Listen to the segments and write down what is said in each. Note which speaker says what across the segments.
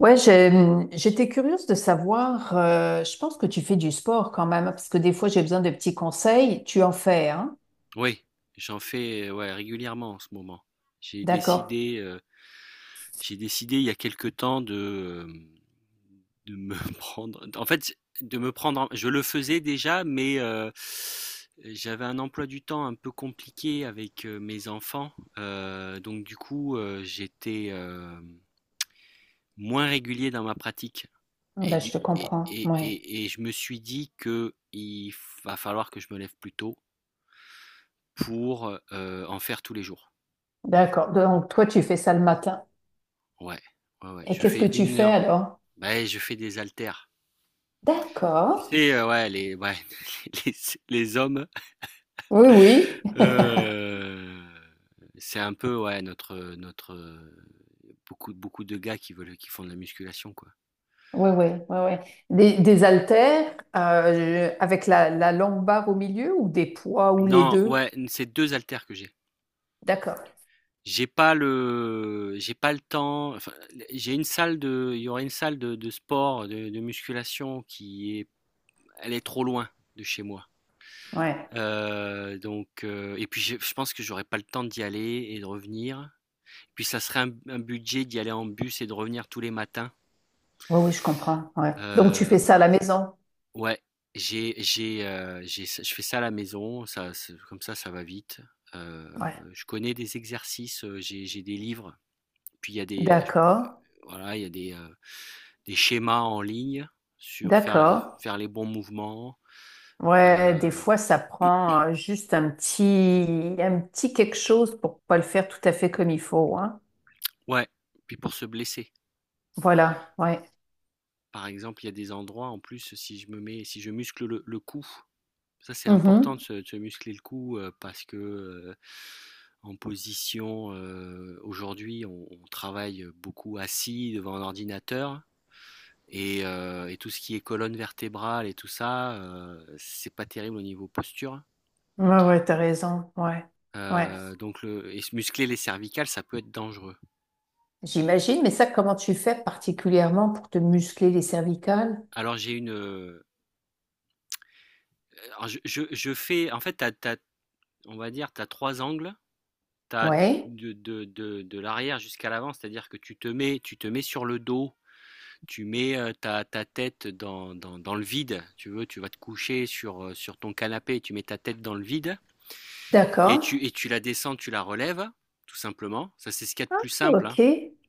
Speaker 1: Ouais, j'étais curieuse de savoir, je pense que tu fais du sport quand même, parce que des fois j'ai besoin de petits conseils. Tu en fais, hein?
Speaker 2: Oui, j'en fais, ouais, régulièrement en ce moment. J'ai
Speaker 1: D'accord.
Speaker 2: décidé, heu, j'ai décidé il y a quelque temps de, de me prendre en fait, de me prendre en je le faisais déjà, mais j'avais un emploi du temps un peu compliqué avec, mes enfants, donc du coup, j'étais, moins régulier dans ma pratique
Speaker 1: Ah
Speaker 2: et
Speaker 1: ben, je
Speaker 2: du
Speaker 1: te comprends. Ouais.
Speaker 2: et je me suis dit que il va falloir que je me lève plus tôt pour, en faire tous les jours.
Speaker 1: D'accord. Donc toi, tu fais ça le matin.
Speaker 2: Ouais, ouais, ouais,
Speaker 1: Et
Speaker 2: je
Speaker 1: qu'est-ce que
Speaker 2: fais
Speaker 1: tu
Speaker 2: une
Speaker 1: fais
Speaker 2: heure.
Speaker 1: alors?
Speaker 2: Bah, je fais des haltères.
Speaker 1: D'accord.
Speaker 2: Tu sais, ouais, les ouais, les les hommes,
Speaker 1: Oui, oui.
Speaker 2: heu, c'est un peu, ouais, beaucoup de gars qui veulent qui font de la musculation, quoi.
Speaker 1: Oui, oui, oui, oui. Des haltères avec la longue barre au milieu ou des poids ou les
Speaker 2: Non,
Speaker 1: deux?
Speaker 2: ouais, c'est deux haltères que j'ai.
Speaker 1: D'accord.
Speaker 2: J'ai pas le temps, enfin, j'ai une salle de il y aurait une salle de sport, de musculation qui est elle est trop loin de chez moi.
Speaker 1: Ouais.
Speaker 2: Donc et puis je pense que j'aurais pas le temps d'y aller et de revenir. Puis ça serait un budget d'y aller en bus et de revenir tous les matins.
Speaker 1: Oui, oui, je comprends. Ouais. Donc tu
Speaker 2: Heu,
Speaker 1: fais ça à la maison?
Speaker 2: ouais, j'ai je fais ça à la maison, ça se comme ça va vite.
Speaker 1: Ouais.
Speaker 2: Je connais des exercices, j'ai des livres, puis il y a des,
Speaker 1: D'accord.
Speaker 2: voilà, il y a des schémas en ligne sur faire
Speaker 1: D'accord.
Speaker 2: faire les bons mouvements,
Speaker 1: Ouais, des
Speaker 2: heu,
Speaker 1: fois, ça prend juste un petit quelque chose pour pas le faire tout à fait comme il faut, hein.
Speaker 2: ouais, puis pour se blesser.
Speaker 1: Voilà, ouais.
Speaker 2: Par exemple, il y a des endroits en plus, si je muscle le cou, ça c'est important
Speaker 1: Mhm.
Speaker 2: de se muscler le cou, parce que, en position, aujourd'hui on travaille, beaucoup assis devant un ordinateur et tout ce qui est colonne vertébrale et tout ça, c'est pas terrible au niveau posture.
Speaker 1: Ouais, ouais, t'as raison, ouais, ouais.
Speaker 2: Donc le et se muscler les cervicales, ça peut être dangereux.
Speaker 1: J'imagine, mais ça, comment tu fais particulièrement pour te muscler les cervicales?
Speaker 2: Alors j'ai une, alors je fais en fait tu as, on va dire, tu as trois angles, t'as
Speaker 1: Ouais,
Speaker 2: de, de, l'arrière jusqu'à l'avant, c'est-à-dire que tu te mets sur le dos, tu mets ta tête dans le vide, tu veux, tu vas te coucher sur ton canapé, tu mets ta tête dans le vide, et
Speaker 1: d'accord,
Speaker 2: tu, et tu la descends, tu la relèves, tout simplement. Ça, c'est ce qu'il y a de plus simple, hein.
Speaker 1: ok.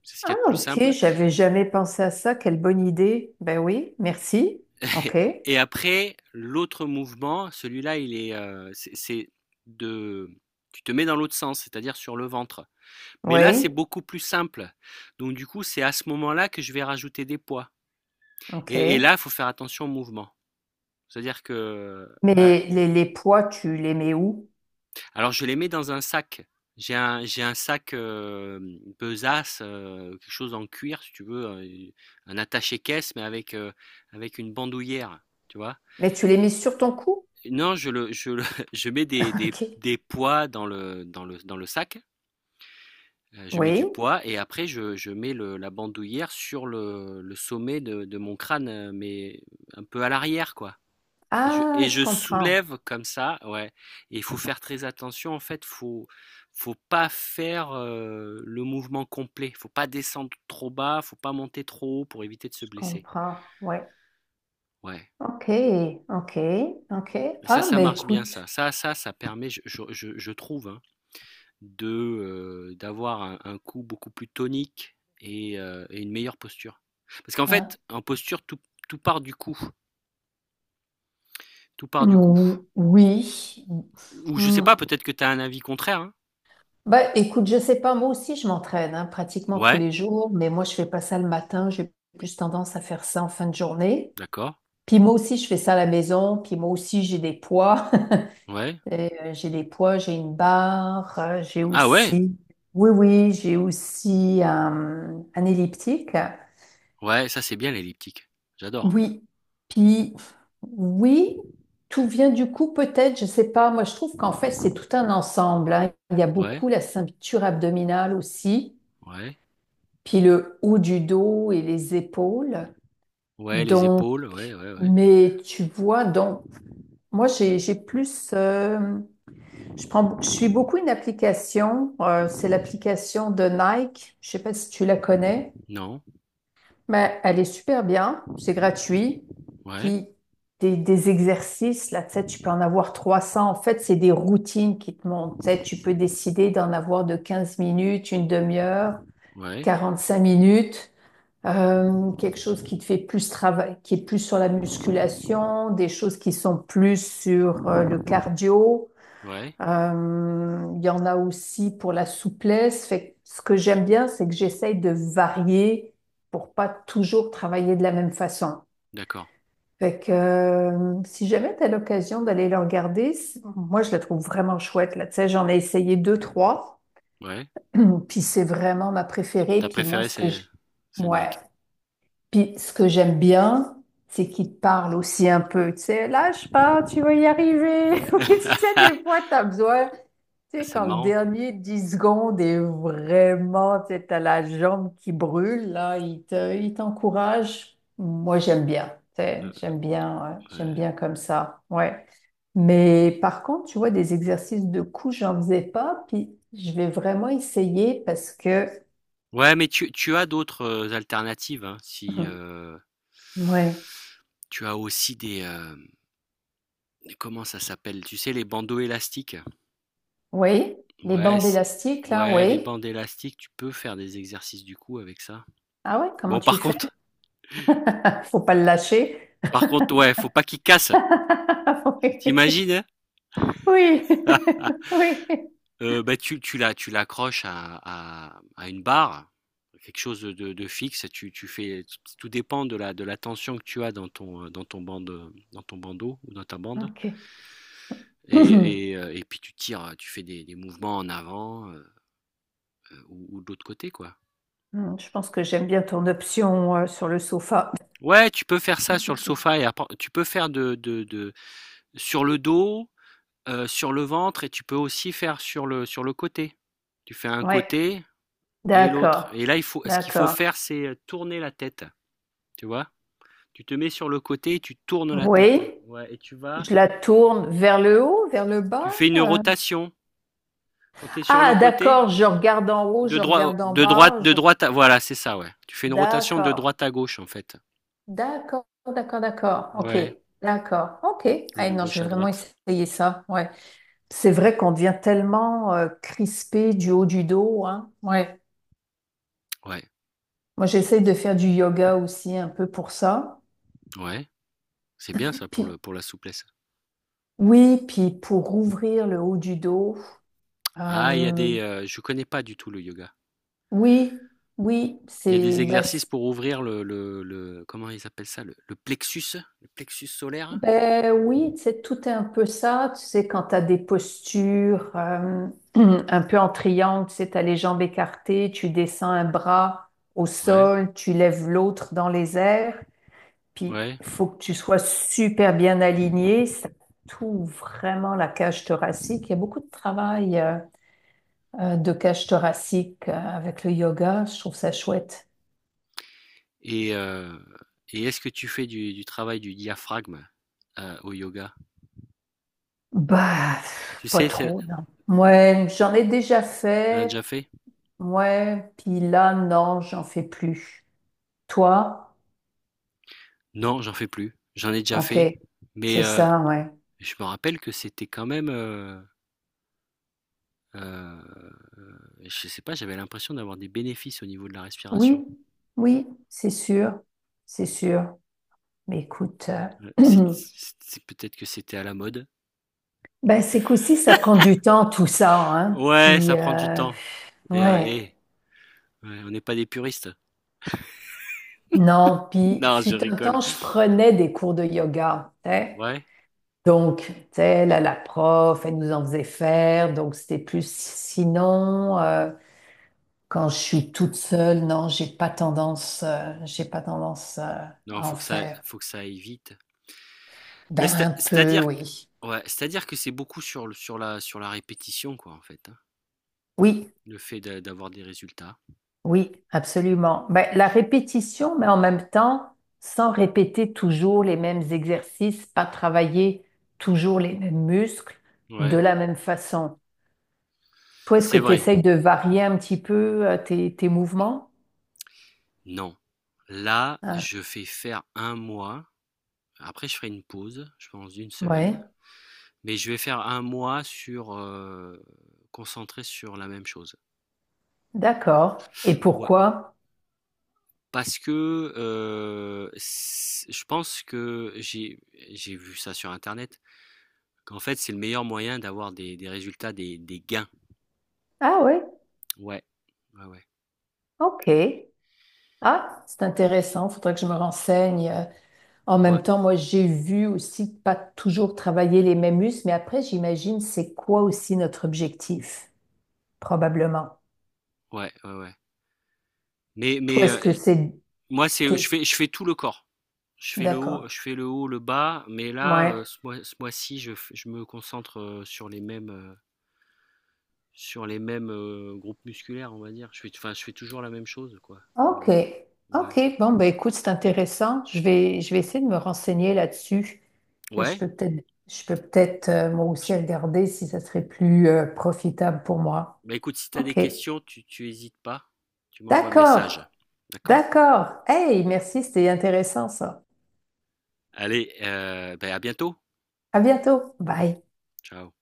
Speaker 2: C'est ce qu'il y
Speaker 1: Ah,
Speaker 2: a de plus
Speaker 1: ok,
Speaker 2: simple.
Speaker 1: j'avais jamais pensé à ça, quelle bonne idée. Ben oui, merci, ok,
Speaker 2: Et après, l'autre mouvement, celui-là, c'est de, tu te mets dans l'autre sens, c'est-à-dire sur le ventre. Mais là, c'est
Speaker 1: oui,
Speaker 2: beaucoup plus simple. Donc, du coup, c'est à ce moment-là que je vais rajouter des poids.
Speaker 1: ok.
Speaker 2: Et là, il faut faire attention au mouvement. C'est-à-dire que.
Speaker 1: Mais
Speaker 2: Ouais.
Speaker 1: les poids, tu les mets où?
Speaker 2: Alors, je les mets dans un sac. J'ai un sac, besace, quelque chose en cuir, si tu veux, un attaché-caisse, mais avec une bandoulière, tu vois.
Speaker 1: Mais tu les mets sur ton cou?
Speaker 2: Non, je mets des, des,
Speaker 1: Ok.
Speaker 2: des poids dans le sac. Je mets du
Speaker 1: Oui.
Speaker 2: poids et après je mets le la bandoulière sur le sommet de mon crâne, mais un peu à l'arrière quoi et je
Speaker 1: Ah,
Speaker 2: et
Speaker 1: je
Speaker 2: je
Speaker 1: comprends.
Speaker 2: soulève comme ça, ouais, et il faut faire très attention en fait, faut pas faire, le mouvement complet. Faut pas descendre trop bas, faut pas monter trop haut pour éviter de se
Speaker 1: Je
Speaker 2: blesser.
Speaker 1: comprends. Oui.
Speaker 2: Ouais,
Speaker 1: Ok. Ok. Ok.
Speaker 2: mais ça,
Speaker 1: Ah,
Speaker 2: ça
Speaker 1: ben
Speaker 2: marche bien
Speaker 1: écoute,
Speaker 2: ça. Ça permet, je trouve, hein, de, d'avoir un cou beaucoup plus tonique et une meilleure posture. Parce qu'en
Speaker 1: hein.
Speaker 2: fait, en posture, tout part du cou, tout part du cou.
Speaker 1: Oui.
Speaker 2: Ou je sais
Speaker 1: Hmm.
Speaker 2: pas, peut-être que tu as un avis contraire, hein?
Speaker 1: Ben écoute, je sais pas. Moi aussi, je m'entraîne hein, pratiquement tous
Speaker 2: Ouais,
Speaker 1: les jours, mais moi, je fais pas ça le matin. J'ai plus tendance à faire ça en fin de journée.
Speaker 2: d'accord,
Speaker 1: Puis moi aussi, je fais ça à la maison. Puis moi aussi, j'ai des poids.
Speaker 2: ouais.
Speaker 1: Et, j'ai des poids, j'ai une barre, j'ai
Speaker 2: Ah ouais?
Speaker 1: aussi. Oui, oui, j'ai aussi un elliptique.
Speaker 2: Ouais, ça, c'est bien l'elliptique. J'adore.
Speaker 1: Oui, puis oui, tout vient du coup peut-être, je sais pas. Moi, je trouve qu'en fait, c'est tout un ensemble, hein. Il y a
Speaker 2: Ouais,
Speaker 1: beaucoup la ceinture abdominale aussi,
Speaker 2: ouais,
Speaker 1: puis le haut du dos et les épaules.
Speaker 2: ouais, les
Speaker 1: Donc,
Speaker 2: épaules, ouais, ouais, ouais.
Speaker 1: mais tu vois, donc, moi, j'ai plus, je prends, je suis beaucoup une application, c'est l'application de Nike, je sais pas si tu la connais.
Speaker 2: Non,
Speaker 1: Ben, elle est super bien, c'est gratuit.
Speaker 2: ouais,
Speaker 1: Puis des exercices, là, tu sais, tu peux en avoir 300. En fait, c'est des routines qui te montent. Tu sais, tu peux décider d'en avoir de 15 minutes, une demi-heure,
Speaker 2: ouais,
Speaker 1: 45 minutes, quelque chose qui te fait plus travail, qui est plus sur la musculation, des choses qui sont plus sur le cardio.
Speaker 2: ouais,
Speaker 1: Il y en a aussi pour la souplesse. Fait que ce que j'aime bien, c'est que j'essaye de varier pour pas toujours travailler de la même façon.
Speaker 2: d'accord,
Speaker 1: Fait que si jamais tu as l'occasion d'aller le regarder, moi je la trouve vraiment chouette là. Tu sais, j'en ai essayé deux, trois,
Speaker 2: ouais.
Speaker 1: puis c'est vraiment ma préférée.
Speaker 2: Ta
Speaker 1: Puis moi,
Speaker 2: préférée, c'est c'est
Speaker 1: ouais,
Speaker 2: Nike.
Speaker 1: puis ce que j'aime bien, c'est qu'il te parle aussi un peu. Tu sais, lâche pas, tu vas y arriver. Oui, tu sais, des fois, t'as besoin tu sais,
Speaker 2: C'est
Speaker 1: quand le
Speaker 2: marrant,
Speaker 1: dernier 10 secondes est vraiment, tu sais, t'as la jambe qui brûle, là, il t'encourage. Moi, j'aime bien, tu sais, j'aime bien, ouais, j'aime
Speaker 2: ouais.
Speaker 1: bien comme ça, ouais. Mais par contre, tu vois, des exercices de coups, j'en faisais pas, puis je vais vraiment essayer parce que,
Speaker 2: Ouais, mais tu as d'autres, alternatives, hein, si,
Speaker 1: hum, ouais,
Speaker 2: tu as aussi des, comment ça s'appelle? Tu sais, les bandeaux élastiques?
Speaker 1: oui, les
Speaker 2: Ouais,
Speaker 1: bandes
Speaker 2: c
Speaker 1: élastiques, là,
Speaker 2: ouais, les
Speaker 1: oui.
Speaker 2: bandes élastiques, tu peux faire des exercices du cou avec ça.
Speaker 1: Ah ouais, comment
Speaker 2: Bon,
Speaker 1: tu fais? Faut pas le lâcher.
Speaker 2: par contre, ouais, faut pas qu'ils cassent. T'imagines
Speaker 1: Oui,
Speaker 2: imagines,
Speaker 1: oui, oui,
Speaker 2: heu, bah, tu l'accroches à une barre, quelque chose de fixe, tu tu fais tout dépend de la tension que tu as dans ton bande, dans ton bandeau ou dans ta bande.
Speaker 1: ok.
Speaker 2: Et et heu et puis tu tires, tu fais des mouvements en avant, ou de l'autre côté, quoi.
Speaker 1: Hmm, je pense que j'aime bien ton option sur le sofa.
Speaker 2: Ouais, tu peux faire ça sur le sofa et apprend tu peux faire de sur le dos, sur le ventre et tu peux aussi faire sur le côté. Tu fais un
Speaker 1: Ouais,
Speaker 2: côté et l'autre
Speaker 1: d'accord,
Speaker 2: et là, il faut ce qu'il faut
Speaker 1: d'accord.
Speaker 2: faire, c'est, tourner la tête, tu vois? Tu te mets sur le côté et tu tournes la tête.
Speaker 1: Oui,
Speaker 2: Ouais, et
Speaker 1: je la tourne vers le haut, vers le bas.
Speaker 2: tu fais une rotation. Quand tu es sur le
Speaker 1: Ah,
Speaker 2: côté,
Speaker 1: d'accord, je regarde en haut,
Speaker 2: de
Speaker 1: je
Speaker 2: droi
Speaker 1: regarde en bas.
Speaker 2: de droite à voilà, c'est ça, ouais. Tu fais une rotation de
Speaker 1: D'accord,
Speaker 2: droite à gauche, en fait.
Speaker 1: d'accord, d'accord, d'accord. Ok,
Speaker 2: Ouais,
Speaker 1: d'accord, ok.
Speaker 2: ou
Speaker 1: Ah
Speaker 2: de
Speaker 1: non, je
Speaker 2: gauche
Speaker 1: vais
Speaker 2: à
Speaker 1: vraiment
Speaker 2: droite.
Speaker 1: essayer ça. Ouais. C'est vrai qu'on devient tellement crispé du haut du dos, hein. Ouais.
Speaker 2: Ouais,
Speaker 1: Moi, j'essaie de faire du yoga aussi un peu pour ça.
Speaker 2: ouais, c'est bien ça pour
Speaker 1: Puis,
Speaker 2: le pour la souplesse.
Speaker 1: oui, puis pour ouvrir le haut du dos,
Speaker 2: Ah, il y a
Speaker 1: euh,
Speaker 2: des, je connais pas du tout le yoga.
Speaker 1: oui, oui,
Speaker 2: Il y a des exercices pour ouvrir comment ils appellent ça, le plexus, le plexus solaire.
Speaker 1: ben oui, c'est tout est un peu ça, tu sais, quand tu as des postures un peu en triangle, tu sais, tu as les jambes écartées, tu descends un bras au
Speaker 2: Ouais,
Speaker 1: sol, tu lèves l'autre dans les airs, puis
Speaker 2: ouais.
Speaker 1: il faut que tu sois super bien aligné, ça tout vraiment la cage thoracique, il y a beaucoup de travail, de cage thoracique, avec le yoga. Je trouve ça chouette.
Speaker 2: Et euh, et est-ce que tu fais du travail du diaphragme au yoga?
Speaker 1: Bah,
Speaker 2: Tu
Speaker 1: pff, pas
Speaker 2: sais,
Speaker 1: trop, non. Ouais, j'en ai déjà
Speaker 2: on a
Speaker 1: fait.
Speaker 2: déjà fait?
Speaker 1: Ouais, puis là, non, j'en fais plus. Toi?
Speaker 2: Non, j'en fais plus. J'en ai déjà
Speaker 1: Ok,
Speaker 2: fait, mais
Speaker 1: c'est ça, ouais.
Speaker 2: je me rappelle que c'était quand même. Heu, je sais pas, j'avais l'impression d'avoir des bénéfices au niveau de la respiration.
Speaker 1: Oui, oui, c'est sûr, c'est sûr. Mais écoute,
Speaker 2: c'est
Speaker 1: euh,
Speaker 2: c'est peut-être que c'était à la mode.
Speaker 1: ben c'est qu'aussi, ça prend du temps, tout ça, hein.
Speaker 2: Ouais,
Speaker 1: Puis,
Speaker 2: ça prend du temps et heu
Speaker 1: ouais,
Speaker 2: et ouais, on n'est pas des puristes.
Speaker 1: non, puis
Speaker 2: Non, je
Speaker 1: fut un
Speaker 2: rigole.
Speaker 1: temps, je prenais des cours de yoga, hein.
Speaker 2: Ouais,
Speaker 1: Donc, tu sais, là, la prof, elle nous en faisait faire. Donc, c'était plus sinon, quand je suis toute seule, non, j'ai pas tendance,
Speaker 2: non,
Speaker 1: à en faire.
Speaker 2: faut que ça aille vite. Mais
Speaker 1: Ben,
Speaker 2: c'est
Speaker 1: un peu,
Speaker 2: c'est-à-dire q
Speaker 1: oui.
Speaker 2: ouais, c'est-à-dire que c'est beaucoup sur le sur la répétition quoi, en fait, hein,
Speaker 1: Oui,
Speaker 2: le fait de d'avoir des résultats.
Speaker 1: oui, absolument. Ben, la répétition, mais en même temps, sans répéter toujours les mêmes exercices, pas travailler toujours les mêmes muscles de
Speaker 2: Ouais,
Speaker 1: la même façon. Toi, est-ce que
Speaker 2: c'est
Speaker 1: tu
Speaker 2: vrai.
Speaker 1: essayes de varier un petit peu, tes mouvements?
Speaker 2: Non. Là,
Speaker 1: Hein?
Speaker 2: je fais faire un mois, après je ferai une pause, je pense d'une
Speaker 1: Ouais.
Speaker 2: semaine. Mais je vais faire un mois sur concentré sur la même chose.
Speaker 1: D'accord. Et
Speaker 2: Ouais.
Speaker 1: pourquoi?
Speaker 2: Parce que je pense que j'ai vu ça sur Internet, qu'en fait c'est le meilleur moyen d'avoir des résultats, des gains.
Speaker 1: Ah oui,
Speaker 2: Ouais, ouais, ouais,
Speaker 1: ok. Ah, c'est intéressant. Faudrait que je me renseigne. En
Speaker 2: ouais,
Speaker 1: même temps, moi, j'ai vu aussi pas toujours travailler les mêmes muscles, mais après, j'imagine c'est quoi aussi notre objectif, probablement.
Speaker 2: ouais, ouais. Ouais. Mais,
Speaker 1: Toi,
Speaker 2: mais
Speaker 1: est-ce que
Speaker 2: euh,
Speaker 1: c'est...
Speaker 2: moi c'est je
Speaker 1: c'est-
Speaker 2: fais je fais tout le corps.
Speaker 1: D'accord.
Speaker 2: Je fais le haut, le bas, mais là
Speaker 1: Ouais.
Speaker 2: ce mois-ci je me concentre Sur les mêmes, groupes musculaires, on va dire. Je fais enfin, je fais toujours la même chose, quoi, en
Speaker 1: Ok.
Speaker 2: gros. Ouais.
Speaker 1: Ok. Bon, ben écoute, c'est intéressant. Je vais essayer de me renseigner là-dessus. Je
Speaker 2: Ouais,
Speaker 1: peux peut-être, je peux peut-être moi aussi
Speaker 2: j
Speaker 1: regarder si ça serait plus profitable pour moi.
Speaker 2: bah, écoute, si tu as des
Speaker 1: Ok.
Speaker 2: questions, tu hésites pas, tu m'envoies un message.
Speaker 1: D'accord.
Speaker 2: D'accord?
Speaker 1: D'accord. Hey, merci, c'était intéressant ça.
Speaker 2: Allez, beh, à bientôt.
Speaker 1: À bientôt. Bye.
Speaker 2: Ciao.